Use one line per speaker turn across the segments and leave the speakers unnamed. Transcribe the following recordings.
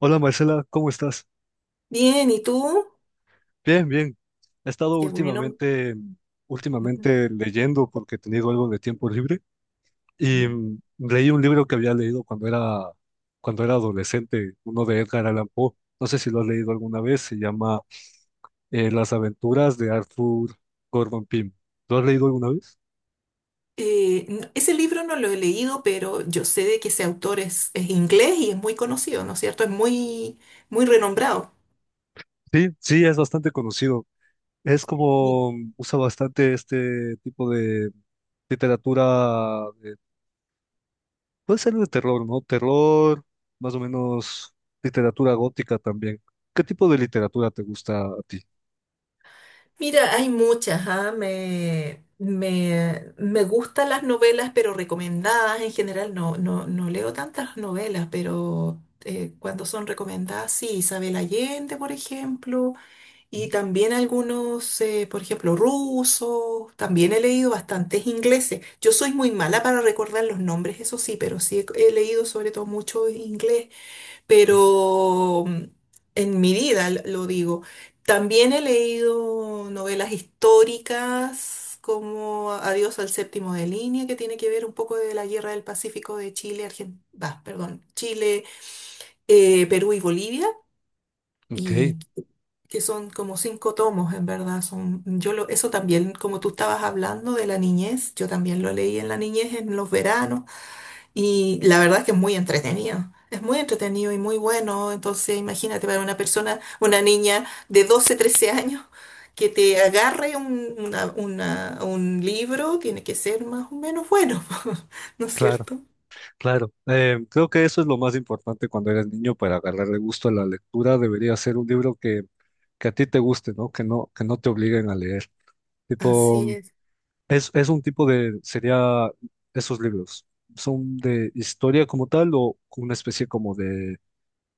Hola Marcela, ¿cómo estás?
Bien, ¿y tú?
Bien, bien. He estado
Qué bueno.
últimamente,
Ujú.
últimamente leyendo porque he tenido algo de tiempo libre y leí un libro que había leído cuando era adolescente, uno de Edgar Allan Poe. No sé si lo has leído alguna vez, se llama Las aventuras de Arthur Gordon Pym. ¿Lo has leído alguna vez?
Ese libro no lo he leído, pero yo sé de que ese autor es inglés y es muy conocido, ¿no es cierto? Es muy, muy renombrado.
Sí, sí, es bastante conocido. Es
Y-
como usa bastante este tipo de literatura. Puede ser de terror, ¿no? Terror, más o menos literatura gótica también. ¿Qué tipo de literatura te gusta a ti?
Mira, hay muchas, me gustan las novelas, pero recomendadas en general. No, no, no leo tantas novelas, pero cuando son recomendadas, sí, Isabel Allende, por ejemplo. Y
Ujú,
también algunos, por ejemplo, rusos, también he leído bastantes ingleses. Yo soy muy mala para recordar los nombres, eso sí, pero sí he leído sobre todo mucho inglés,
ujú.
pero en mi vida lo digo. También he leído novelas históricas como Adiós al séptimo de línea, que tiene que ver un poco de la Guerra del Pacífico de Chile, bah, perdón, Chile, Perú y Bolivia.
Ok,
Y que son como cinco tomos, en verdad. Son, eso también, como tú estabas hablando de la niñez, yo también lo leí en la niñez, en los veranos, y la verdad es que es muy entretenido. Es muy entretenido y muy bueno. Entonces, imagínate para una persona, una niña de 12 13 años, que te agarre un libro, tiene que ser más o menos bueno, ¿no es
claro,
cierto?
claro. Creo que eso es lo más importante cuando eres niño para agarrarle gusto a la lectura. Debería ser que a ti te guste, ¿no? Que no te obliguen a leer. Tipo,
Así es.
es un tipo de, sería esos libros. ¿Son de historia como tal o una especie como de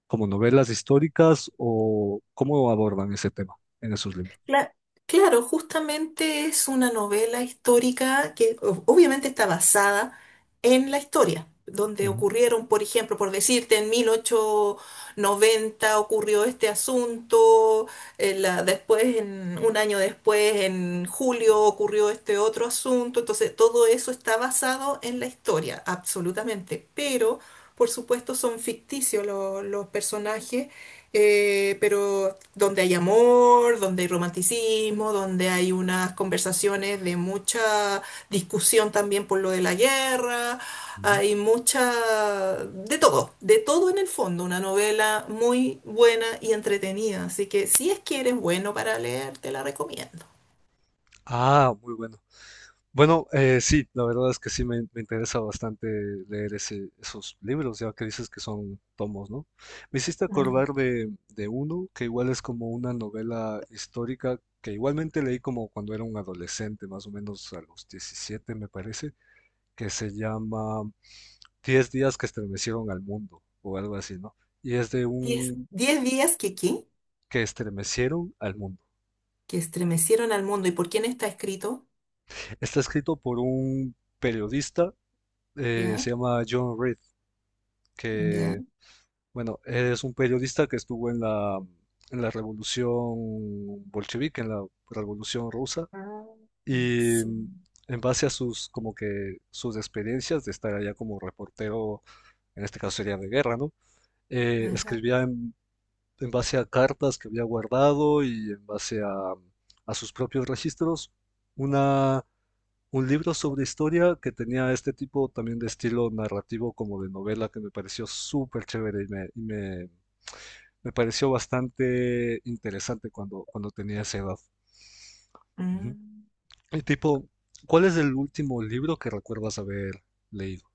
como novelas históricas o cómo abordan ese tema en esos libros?
Cla- claro, justamente es una novela histórica que obviamente está basada en la historia, donde
Ujú,
ocurrieron, por ejemplo, por decirte, en 1890 ocurrió este asunto, después, un año después, en julio ocurrió este otro asunto, entonces todo eso está basado en la historia, absolutamente, pero por supuesto son ficticios los personajes. Pero donde hay amor, donde hay romanticismo, donde hay unas conversaciones de mucha discusión también por lo de la guerra,
ujú.
hay mucha, de todo en el fondo, una novela muy buena y entretenida, así que si es que eres bueno para leer, te la recomiendo.
Ah, muy bueno. Bueno, sí, la verdad es que sí me interesa bastante leer esos libros, ya que dices que son tomos, ¿no? Me hiciste
Mm.
acordar de uno que igual es como una novela histórica que igualmente leí como cuando era un adolescente, más o menos a los 17 me parece, que se llama 10 días que estremecieron al mundo o algo así, ¿no? Y es de
10,
un
10 días que, ¿qué?
que estremecieron al mundo.
Que estremecieron al mundo. ¿Y por quién está escrito?
Está escrito por un periodista,
¿Ya?
se llama John Reed,
¿Ya?
que, bueno, es un periodista que estuvo en la revolución bolchevique, en la revolución rusa,
Ah,
y
sí.
en base a sus experiencias de estar allá como reportero, en este caso sería de guerra, ¿no?
Ajá.
Escribía en base a cartas que había guardado y en base a sus propios registros, una, un libro sobre historia que tenía este tipo también de estilo narrativo como de novela que me pareció súper chévere y me pareció bastante interesante cuando tenía esa edad. Ujú.
Mm.
Y tipo, ¿cuál es el último libro que recuerdas haber leído?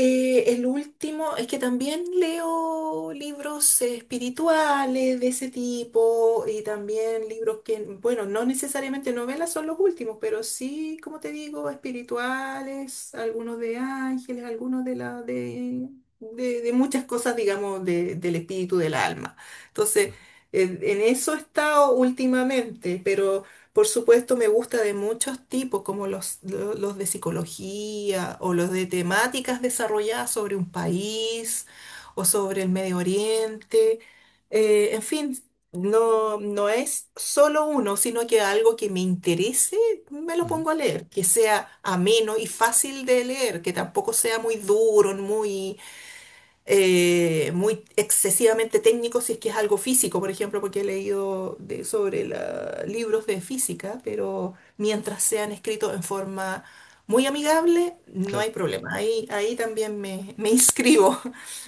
El último es que también leo libros espirituales de ese tipo y también libros que, bueno, no necesariamente novelas son los últimos, pero sí, como te digo, espirituales, algunos de ángeles, algunos de muchas cosas, digamos, del espíritu del alma. Entonces, en eso he estado últimamente, pero por supuesto, me gusta de muchos tipos, como los de psicología o los de temáticas desarrolladas sobre un país o sobre el Medio Oriente. En fin, no, no es solo uno, sino que algo que me interese, me lo
Ujú,
pongo a leer, que sea ameno y fácil de leer, que tampoco sea muy duro, muy excesivamente técnico si es que es algo físico, por ejemplo, porque he leído sobre libros de física, pero mientras sean escritos en forma muy amigable, no hay
claro.
problema. Ahí, ahí también me inscribo.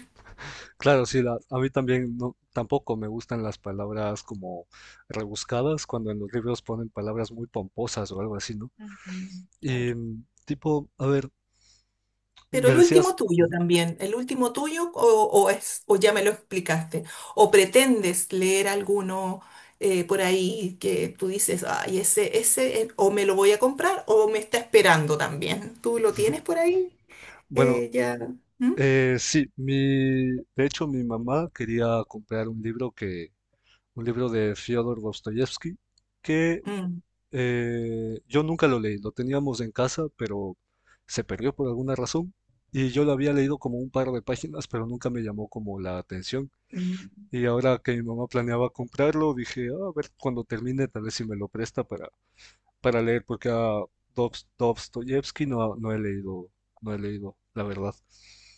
Claro, sí, a mí también no, tampoco me gustan las palabras como rebuscadas cuando en los libros ponen palabras muy pomposas o algo así, ¿no?
Mm, claro.
Y tipo, a ver,
Pero
me
el último
decías,
tuyo
ujú.
también, el último tuyo o ya me lo explicaste, o pretendes leer alguno por ahí que tú dices, ay, ese, o me lo voy a comprar o me está esperando también. ¿Tú lo tienes por ahí?
Bueno,
Ya. ¿Mm?
sí, de hecho mi mamá quería comprar un libro de Fyodor Dostoyevsky que
Mm,
yo nunca lo leí, lo teníamos en casa, pero se perdió por alguna razón y yo lo había leído como un par de páginas, pero nunca me llamó como la atención.
mm.
Y ahora que mi mamá planeaba comprarlo, dije, "Ah, a ver, cuando termine, tal vez si me lo presta para leer, porque a Dostoyevsky no, no he leído, la verdad."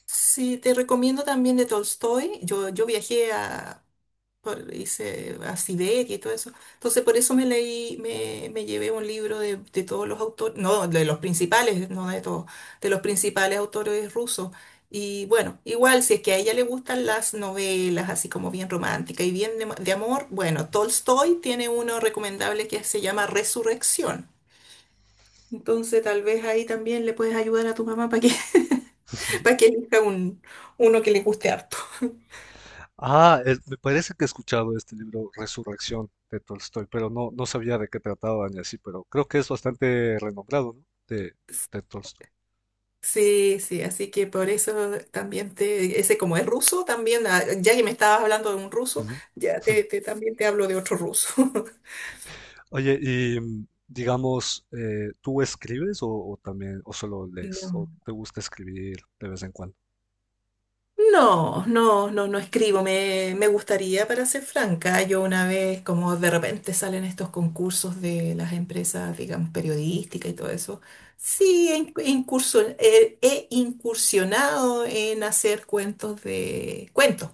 Sí, te recomiendo también de Tolstoy. Yo viajé a, hice a Siberia y todo eso. Entonces, por eso me llevé un libro de, todos los autores, no, de los principales, no de todos, de los principales autores rusos. Y bueno, igual, si es que a ella le gustan las novelas, así como bien romántica y bien de amor, bueno, Tolstoy tiene uno recomendable que se llama Resurrección. Entonces, tal vez ahí también le puedes ayudar a tu mamá para que, para que elija un, uno que le guste harto.
Ah, es- me parece que he escuchado este libro Resurrección de Tolstoy, pero no, no sabía de qué trataba ni así, pero creo que es bastante renombrado, ¿no? De Tolstoy.
Sí, sí, así que por eso también te, ese como es ruso, también, ah, ya que me estabas hablando de un ruso,
Ujú.
ya también te hablo de otro ruso.
Oye, y digamos, ¿tú escribes o también, o solo lees,
No.
o te gusta escribir de vez en cuando?
No, no, no, no escribo, me gustaría, para ser franca, yo una vez, como de repente salen estos concursos de las empresas, digamos, periodísticas y todo eso, sí, he incursionado en hacer cuentos de cuentos.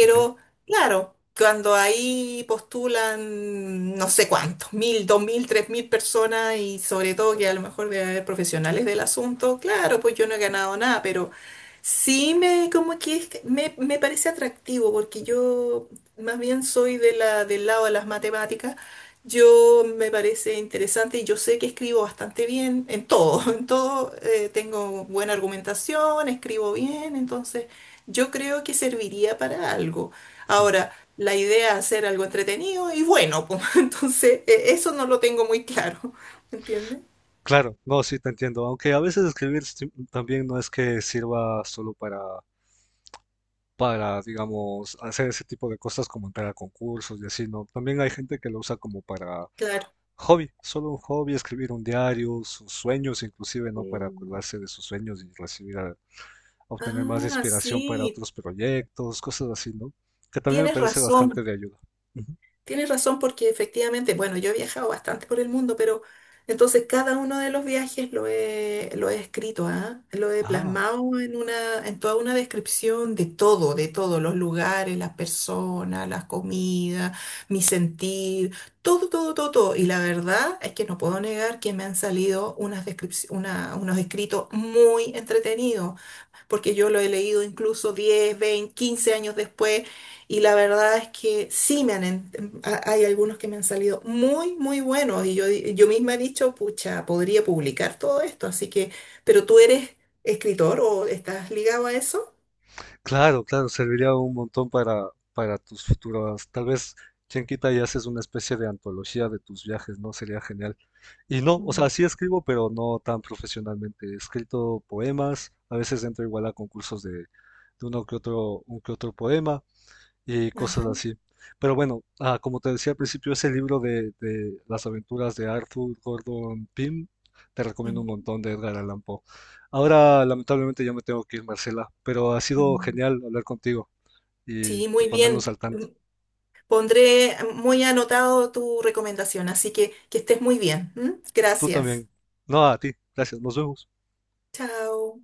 ¿Ok?
claro, cuando ahí postulan no sé cuántos, 1000, 2000, 3000 personas y sobre todo que a lo mejor debe haber profesionales del asunto, claro, pues yo no he ganado nada, pero sí me como que que me parece atractivo porque yo más bien soy de del lado de las matemáticas yo me parece interesante y yo sé que escribo bastante bien en todo,
Ujú.
en todo tengo buena argumentación, escribo bien, entonces yo creo que serviría para algo. Ahora, la idea es hacer algo entretenido y bueno, pues, entonces eso no lo tengo muy claro, ¿me entiendes?
Claro, no, sí te entiendo, aunque a veces escribir también no es que sirva solo para, digamos, hacer ese tipo de cosas como entrar a concursos y así, ¿no? También hay gente que lo usa como para
Claro.
hobby, solo un hobby, escribir un diario, sus sueños inclusive, ¿no? Para
Mm.
acordarse de sus sueños y recibir obtener más
Ah,
inspiración para
sí,
otros proyectos, cosas así, ¿no? Que también me
tienes
parece bastante
razón.
de ayuda. Ujú.
Tienes razón porque efectivamente, bueno, yo he viajado bastante por el mundo, pero entonces cada uno de los viajes lo he escrito, ¿ah? Lo he
Ah,
plasmado en toda una descripción de todo, de todos los lugares, las personas, las comidas, mi sentir, todo, todo, todo, todo. Y la verdad es que no puedo negar que me han salido unas unos escritos muy entretenidos porque yo lo he leído incluso 10 20 15 años después, y la verdad es que sí me han, en- ha- hay algunos que me han salido muy, muy buenos, y yo misma he dicho, pucha, podría publicar todo esto, así que, pero tú eres escritor o estás ligado a eso.
claro, claro, serviría un montón para tus futuras. Tal vez, quien quita y haces una especie de antología de tus viajes, ¿no? Sería genial. Y no, o
Mm.
sea, sí escribo, pero no tan profesionalmente. He escrito poemas, a veces entro igual a concursos de uno que otro, un que otro poema, y
Ajá,
cosas así. Pero bueno, ah, como te decía al principio, ese libro de las aventuras de Arthur Gordon Pym, te recomiendo un
ujú,
montón de Edgar Allan Poe. Ahora, lamentablemente, ya me tengo que ir, Marcela, pero ha sido
mm.
genial hablar contigo
Sí,
y
muy
ponernos
bien.
al tanto.
Pondré muy anotado tu recomendación, así que estés muy bien. ¿M?
Tú
Gracias.
también. No, a ti. Gracias. Nos vemos.
Chao.